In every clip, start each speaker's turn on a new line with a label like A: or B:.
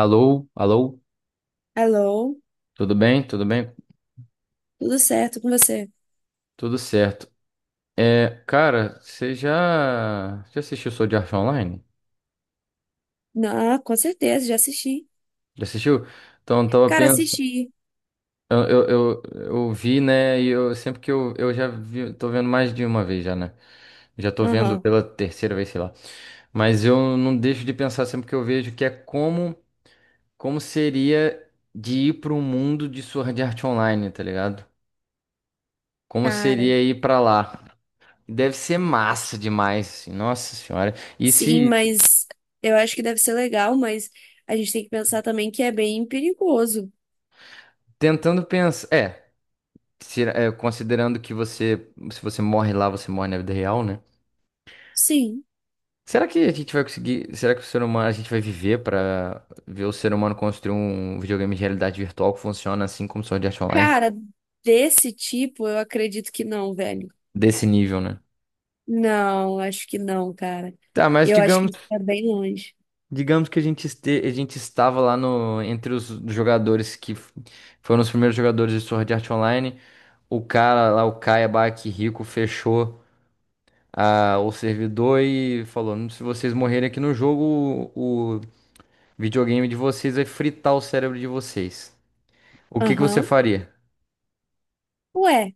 A: Alô, alô,
B: Alô,
A: tudo bem? Tudo bem?
B: tudo certo com você?
A: Tudo certo. É, cara, você já assistiu Sword Art Online?
B: Não, com certeza, já assisti.
A: Já assistiu? Então, eu tava
B: Cara,
A: pensando,
B: assisti.
A: eu, eu, eu, eu vi, né, e eu sempre que eu já vi, tô vendo mais de uma vez já, né? Já tô vendo
B: Aham,
A: pela terceira vez, sei lá. Mas eu não deixo de pensar sempre que eu vejo que é como seria de ir para o mundo de Sword Art Online, tá ligado? Como
B: cara.
A: seria ir pra lá? Deve ser massa demais, assim, Nossa Senhora. E
B: Sim,
A: se
B: mas eu acho que deve ser legal, mas a gente tem que pensar também que é bem perigoso.
A: tentando pensar, considerando que se você morre lá, você morre na vida real, né?
B: Sim.
A: Será que a gente vai conseguir? Será que o ser humano, a gente vai viver pra ver o ser humano construir um videogame de realidade virtual que funciona assim como Sword Art Online
B: Cara, desse tipo, eu acredito que não, velho.
A: desse nível, né?
B: Não, acho que não, cara.
A: Tá, mas
B: Eu acho que
A: digamos,
B: isso tá bem longe.
A: digamos que a gente estava lá no entre os jogadores que foram os primeiros jogadores de Sword Art Online. O cara lá, o Kaiba, que rico, fechou o servidor e falou: "Se vocês morrerem aqui no jogo, o videogame de vocês vai fritar o cérebro de vocês. O que que você
B: Aham.
A: faria?
B: Ué.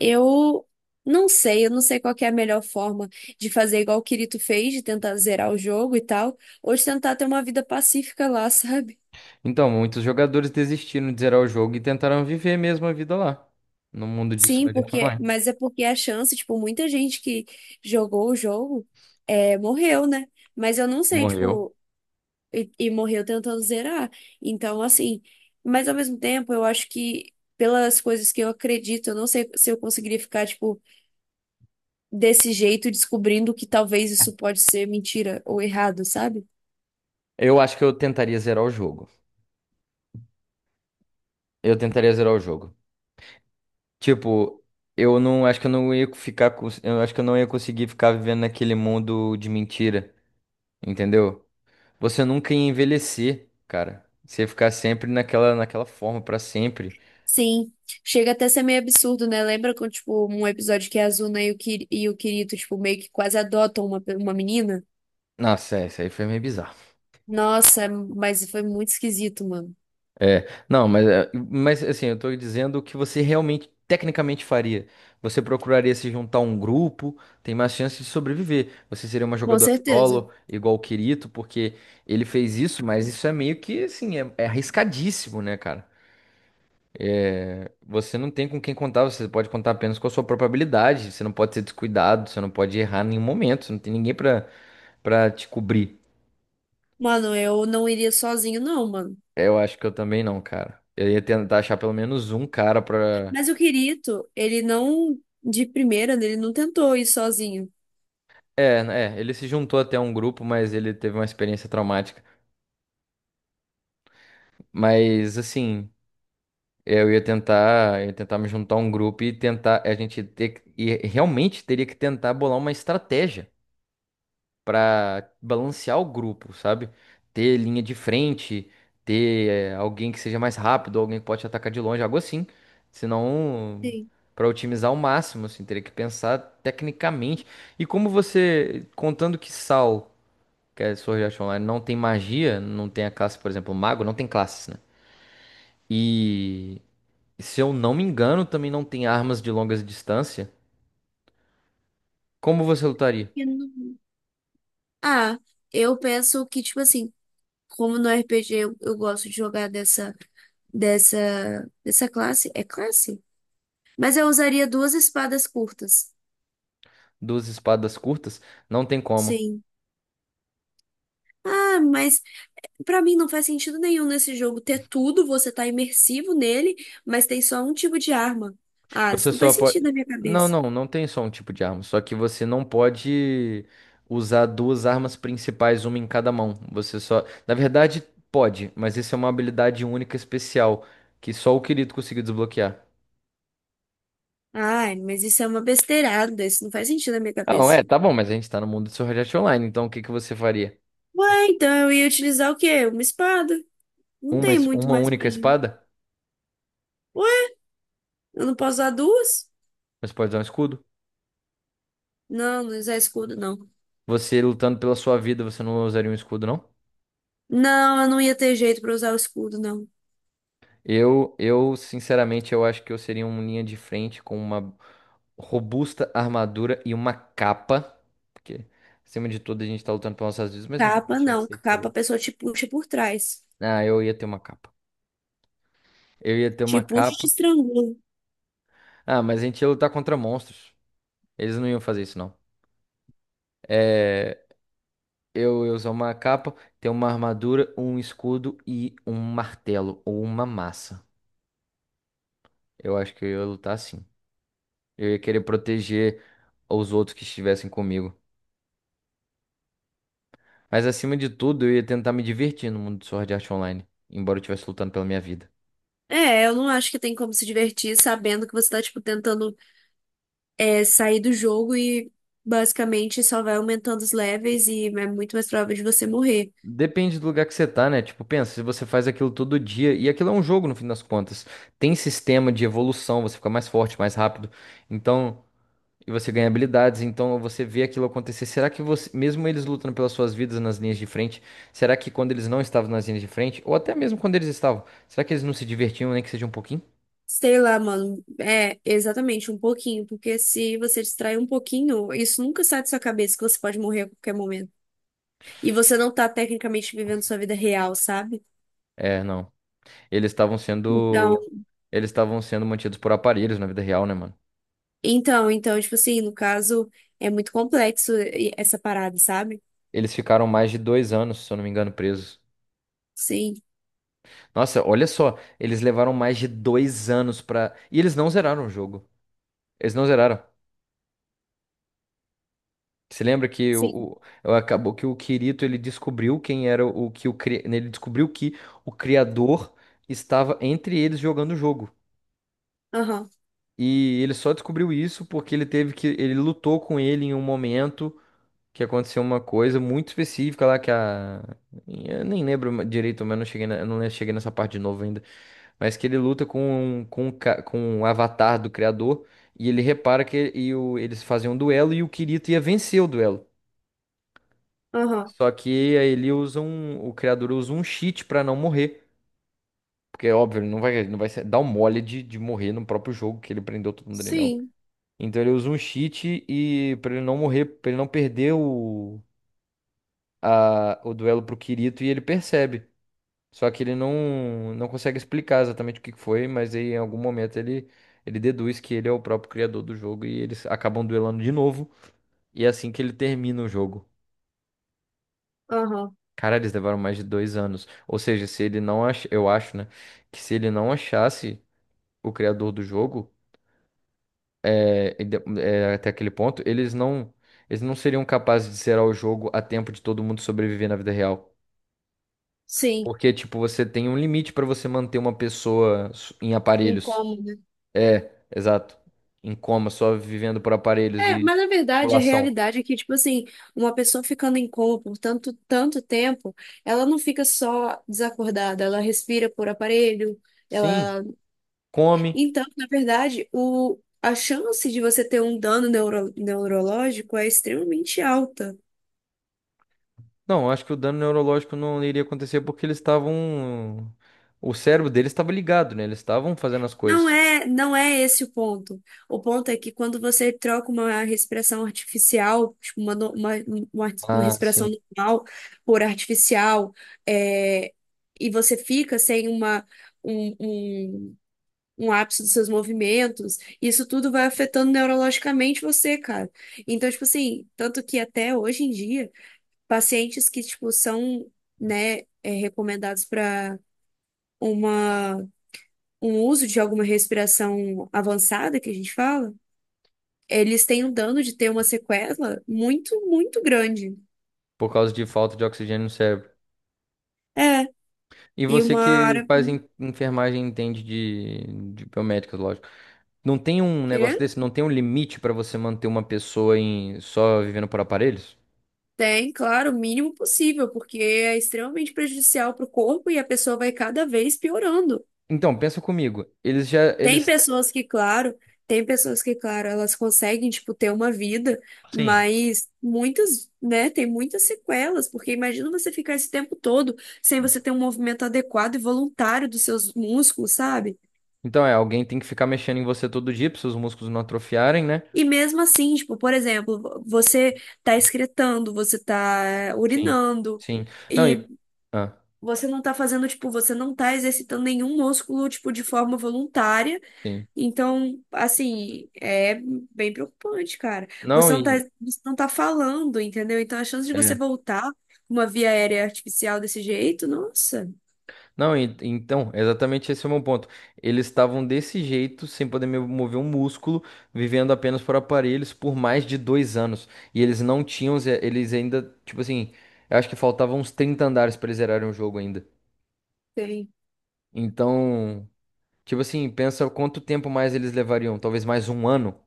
B: Eu eu não sei qual que é a melhor forma de fazer igual o Kirito fez, de tentar zerar o jogo e tal, ou de tentar ter uma vida pacífica lá, sabe?
A: Então, muitos jogadores desistiram de zerar o jogo e tentaram viver mesmo a vida lá, no mundo de
B: Sim,
A: Sword Art
B: porque,
A: Online.
B: mas é porque a chance, tipo, muita gente que jogou o jogo morreu, né? Mas eu não sei,
A: Morreu.
B: tipo, e morreu tentando zerar. Então, assim, mas ao mesmo tempo, eu acho que pelas coisas que eu acredito, eu não sei se eu conseguiria ficar, tipo, desse jeito, descobrindo que talvez isso pode ser mentira ou errado, sabe?
A: Eu acho que eu tentaria zerar o jogo. Eu tentaria zerar o jogo. Tipo, eu não acho que eu não ia ficar, eu acho que eu não ia conseguir ficar vivendo naquele mundo de mentira, entendeu? Você nunca ia envelhecer, cara. Você ia ficar sempre naquela forma pra sempre.
B: Sim, chega até a ser meio absurdo, né? Lembra quando, tipo, um episódio que a Azuna e o, Kir e o Kirito, tipo, meio que quase adotam uma, pe- uma menina?
A: Nossa, isso aí foi meio bizarro.
B: Nossa, é, mas foi muito esquisito, mano.
A: É, não, mas assim, eu tô dizendo o que você realmente, tecnicamente faria. Você procuraria se juntar a um grupo, tem mais chance de sobreviver. Você seria uma
B: Com
A: jogadora
B: certeza.
A: solo, igual o Kirito, porque ele fez isso, mas isso é meio que, assim, é arriscadíssimo, né, cara? É, você não tem com quem contar, você pode contar apenas com a sua própria habilidade. Você não pode ser descuidado, você não pode errar em nenhum momento, você não tem ninguém pra te cobrir.
B: Mano, eu não iria sozinho, não, mano.
A: É, eu acho que eu também não, cara. Eu ia tentar achar pelo menos um cara pra.
B: Mas o Kirito, ele não, de primeira, né, ele não tentou ir sozinho.
A: É, ele se juntou até a um grupo, mas ele teve uma experiência traumática. Mas assim, eu ia tentar me juntar a um grupo e tentar, a gente ter que- e realmente teria que tentar bolar uma estratégia para balancear o grupo, sabe? Ter linha de frente, ter alguém que seja mais rápido, alguém que pode atacar de longe, algo assim. Senão,
B: Sim.
A: para otimizar ao máximo, assim, teria que pensar tecnicamente. E como você, contando que Sal, que é Sword Art Online, não tem magia, não tem a classe, por exemplo, mago, não tem classes, né? E se eu não me engano, também não tem armas de longas distância. Como você lutaria?
B: Porque não- Ah, eu penso que, tipo assim, como no RPG eu gosto de jogar dessa classe. É classe? Mas eu usaria duas espadas curtas.
A: Duas espadas curtas? Não tem como.
B: Sim. Ah, mas pra mim não faz sentido nenhum nesse jogo ter tudo, você tá imersivo nele, mas tem só um tipo de arma. Ah,
A: Você
B: isso não
A: só
B: faz
A: pode.
B: sentido na minha
A: Não,
B: cabeça.
A: não, não tem só um tipo de arma. Só que você não pode usar duas armas principais, uma em cada mão. Você só. Na verdade, pode, mas isso é uma habilidade única especial que só o Kirito conseguiu desbloquear.
B: Ai, mas isso é uma besteirada, isso não faz sentido na minha
A: Não,
B: cabeça.
A: é, tá bom, mas a gente tá no mundo de Sword Art Online, então o que que você faria?
B: Ué, então eu ia utilizar o quê? Uma espada. Não
A: Uma,
B: tem
A: es-
B: muito
A: uma
B: mais pra
A: única
B: gente.
A: espada?
B: Ué, eu não posso usar duas?
A: Mas pode usar um escudo?
B: Não, usar escudo, não.
A: Você lutando pela sua vida, você não usaria um escudo, não?
B: Não, eu não ia ter jeito pra usar o escudo, não.
A: Sinceramente, eu acho que eu seria um linha de frente com uma robusta armadura e uma capa. Porque, acima de tudo, a gente tá lutando pelas nossas vidas, mas não pode
B: Capa,
A: deixar de
B: não.
A: ser
B: Capa a
A: pelo.
B: pessoa te puxa por trás.
A: Ah, eu ia ter uma capa. Eu ia ter
B: Te
A: uma
B: puxa e te
A: capa.
B: estrangula.
A: Ah, mas a gente ia lutar contra monstros. Eles não iam fazer isso, não. É, eu ia usar uma capa, ter uma armadura, um escudo e um martelo ou uma massa. Eu acho que eu ia lutar assim. Eu ia querer proteger os outros que estivessem comigo. Mas acima de tudo, eu ia tentar me divertir no mundo do Sword Art Online, embora eu estivesse lutando pela minha vida.
B: É, eu não acho que tem como se divertir sabendo que você tá, tipo, tentando sair do jogo e basicamente só vai aumentando os levels e é muito mais provável de você morrer.
A: Depende do lugar que você tá, né? Tipo, pensa, se você faz aquilo todo dia, e aquilo é um jogo no fim das contas. Tem sistema de evolução, você fica mais forte, mais rápido. Então, e você ganha habilidades, então você vê aquilo acontecer. Será que você, mesmo eles lutando pelas suas vidas nas linhas de frente, será que quando eles não estavam nas linhas de frente, ou até mesmo quando eles estavam, será que eles não se divertiam, nem que seja um pouquinho?
B: Sei lá, mano. É, exatamente, um pouquinho. Porque se você distrair um pouquinho, isso nunca sai da sua cabeça que você pode morrer a qualquer momento. E você não tá tecnicamente vivendo sua vida real, sabe?
A: É, não. Eles estavam sendo,
B: Então,
A: eles estavam sendo mantidos por aparelhos na vida real, né, mano?
B: então, tipo assim, no caso, é muito complexo e- essa parada, sabe?
A: Eles ficaram mais de 2 anos, se eu não me engano, presos.
B: Sim,
A: Nossa, olha só, eles levaram mais de 2 anos pra. E eles não zeraram o jogo. Eles não zeraram. Você lembra
B: sim.
A: acabou que o Kirito ele descobriu quem era o que o cri... ele descobriu que o criador estava entre eles jogando o jogo.
B: Aham,
A: E ele só descobriu isso porque ele teve que ele lutou com ele em um momento que aconteceu uma coisa muito específica lá que a eu nem lembro direito, mas eu não cheguei nessa parte de novo ainda. Mas que ele luta com com o avatar do criador e ele repara que eles fazem um duelo e o Kirito ia vencer o duelo.
B: aham.
A: Só que aí o criador usa um cheat pra não morrer, porque óbvio, ele não vai dar um mole de morrer no próprio jogo que ele prendeu todo mundo ali, né?
B: Sim,
A: Então ele usa um cheat e para ele não morrer, pra ele não perder o duelo pro Kirito e ele percebe. Só que ele não consegue explicar exatamente o que que foi, mas aí em algum momento ele deduz que ele é o próprio criador do jogo e eles acabam duelando de novo. E é assim que ele termina o jogo.
B: aham,
A: Cara, eles levaram mais de 2 anos. Ou seja, se ele não ach... eu acho, né? Que se ele não achasse o criador do jogo, até aquele ponto, eles não seriam capazes de zerar o jogo a tempo de todo mundo sobreviver na vida real.
B: sim,
A: Porque, tipo, você tem um limite pra você manter uma pessoa em
B: em
A: aparelhos.
B: coma, né?
A: É, exato. Em coma, só vivendo por aparelhos
B: É,
A: e
B: mas na verdade, a
A: tubulação.
B: realidade é que, tipo assim, uma pessoa ficando em coma por tanto, tanto tempo, ela não fica só desacordada, ela respira por aparelho,
A: Sim,
B: ela...
A: come.
B: Então, na verdade, o... a chance de você ter um dano neuro... neurológico é extremamente alta.
A: Não, acho que o dano neurológico não iria acontecer porque eles estavam. O cérebro deles estava ligado, né? Eles estavam fazendo as
B: Não
A: coisas.
B: é, não é esse o ponto. O ponto é que quando você troca uma respiração artificial, tipo, uma, no- uma
A: Ah,
B: respiração
A: sim.
B: normal por artificial, é, e você fica sem uma, um, um, um ápice dos seus movimentos, isso tudo vai afetando neurologicamente você, cara. Então, tipo assim, tanto que até hoje em dia, pacientes que, tipo, são, né, recomendados para uma um uso de alguma respiração avançada que a gente fala, eles têm um dano de ter uma sequela muito, muito grande.
A: Por causa de falta de oxigênio no cérebro.
B: É,
A: E
B: e
A: você
B: uma
A: que
B: área
A: faz enfermagem entende de biomédicas, lógico. Não tem um negócio
B: que
A: desse? Não tem um limite pra você manter uma pessoa em só vivendo por aparelhos?
B: tem, claro, o mínimo possível, porque é extremamente prejudicial para o corpo e a pessoa vai cada vez piorando.
A: Então, pensa comigo. Eles já,
B: Tem
A: eles.
B: pessoas que, claro, tem pessoas que, claro, elas conseguem, tipo, ter uma vida,
A: Sim.
B: mas muitas, né, tem muitas sequelas, porque imagina você ficar esse tempo todo sem você ter um movimento adequado e voluntário dos seus músculos, sabe?
A: Então, alguém tem que ficar mexendo em você todo dia pra seus músculos não atrofiarem, né?
B: E mesmo assim, tipo, por exemplo, você tá excretando, você tá
A: Sim.
B: urinando,
A: Sim. Não,
B: e
A: e. Ah,
B: você não tá fazendo, tipo, você não tá exercitando nenhum músculo, tipo, de forma voluntária.
A: sim.
B: Então, assim, é bem preocupante, cara.
A: Não, e.
B: Você não tá falando, entendeu? Então, a chance de você
A: é,
B: voltar com uma via aérea artificial desse jeito, nossa.
A: Não, então, exatamente esse é o meu ponto. Eles estavam desse jeito, sem poder mover um músculo, vivendo apenas por aparelhos por mais de 2 anos. E eles não tinham, ze- eles ainda, tipo assim, eu acho que faltavam uns 30 andares para eles zerarem o jogo ainda.
B: Tem
A: Então, tipo assim, pensa quanto tempo mais eles levariam, talvez mais um ano.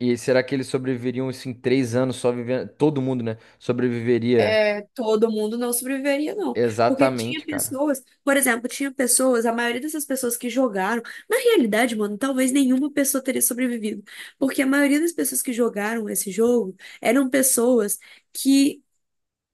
A: E será que eles sobreviveriam, assim, 3 anos só vivendo? Todo mundo, né? Sobreviveria
B: é, todo mundo não sobreviveria, não. Porque tinha
A: exatamente, cara.
B: pessoas, por exemplo, tinha pessoas, a maioria dessas pessoas que jogaram, na realidade, mano, talvez nenhuma pessoa teria sobrevivido. Porque a maioria das pessoas que jogaram esse jogo eram pessoas que,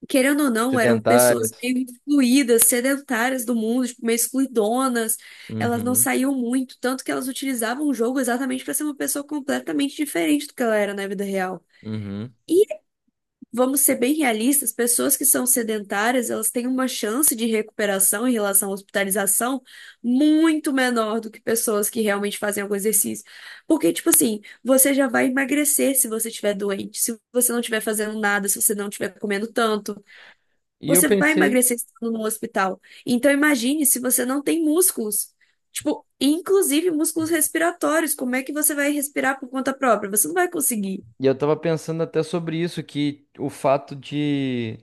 B: querendo ou não, eram pessoas
A: Sedentárias.
B: meio excluídas, sedentárias do mundo, tipo, meio excluidonas. Elas não
A: Uhum,
B: saíam muito, tanto que elas utilizavam o jogo exatamente para ser uma pessoa completamente diferente do que ela era na vida real.
A: uhum.
B: E vamos ser bem realistas, pessoas que são sedentárias, elas têm uma chance de recuperação em relação à hospitalização muito menor do que pessoas que realmente fazem algum exercício. Porque, tipo assim, você já vai emagrecer se você estiver doente, se você não estiver fazendo nada, se você não estiver comendo tanto,
A: E eu
B: você vai
A: pensei.
B: emagrecer estando no hospital. Então, imagine se você não tem músculos. Tipo, inclusive músculos respiratórios, como é que você vai respirar por conta própria? Você não vai conseguir.
A: E eu tava pensando até sobre isso, que o fato de.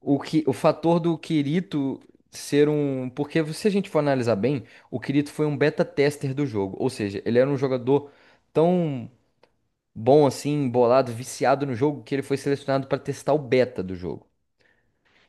A: O fator do Kirito ser um. Porque se a gente for analisar bem, o Kirito foi um beta tester do jogo. Ou seja, ele era um jogador tão bom assim, embolado, viciado no jogo, que ele foi selecionado para testar o beta do jogo.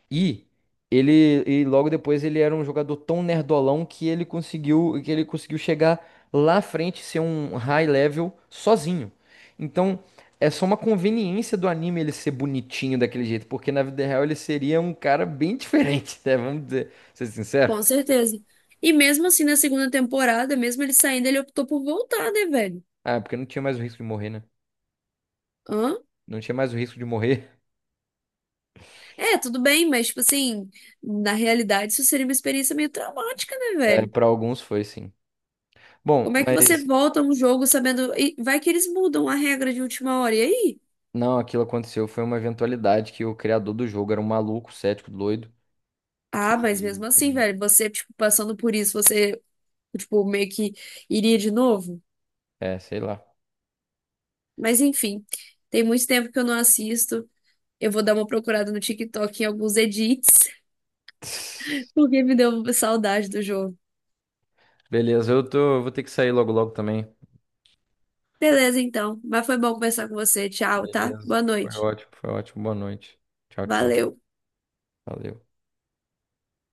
A: E ele e logo depois ele era um jogador tão nerdolão que ele conseguiu chegar lá à frente e ser um high level sozinho. Então, é só uma conveniência do anime ele ser bonitinho daquele jeito, porque na vida real ele seria um cara bem diferente, né? Vamos dizer, ser sincero.
B: Com certeza. E mesmo assim, na segunda temporada, mesmo ele saindo, ele optou por voltar, né, velho?
A: Ah, porque não tinha mais o risco de morrer, né?
B: Hã?
A: Não tinha mais o risco de morrer.
B: É, tudo bem, mas, tipo assim, na realidade, isso seria uma experiência meio traumática, né,
A: É,
B: velho?
A: para alguns foi sim. Bom,
B: Como é que você
A: mas
B: volta a um jogo sabendo. E vai que eles mudam a regra de última hora, e aí?
A: não, aquilo aconteceu foi uma eventualidade que o criador do jogo era um maluco, cético, doido
B: Ah,
A: que.
B: mas mesmo assim, velho, você, tipo, passando por isso, você, tipo, meio que iria de novo?
A: É, sei lá.
B: Mas enfim, tem muito tempo que eu não assisto. Eu vou dar uma procurada no TikTok em alguns edits, porque me deu saudade do jogo.
A: Beleza, eu vou ter que sair logo logo também.
B: Beleza, então. Mas foi bom conversar com você. Tchau, tá?
A: Beleza.
B: Boa
A: Foi
B: noite.
A: ótimo, foi ótimo. Boa noite. Tchau, tchau.
B: Valeu.
A: Valeu.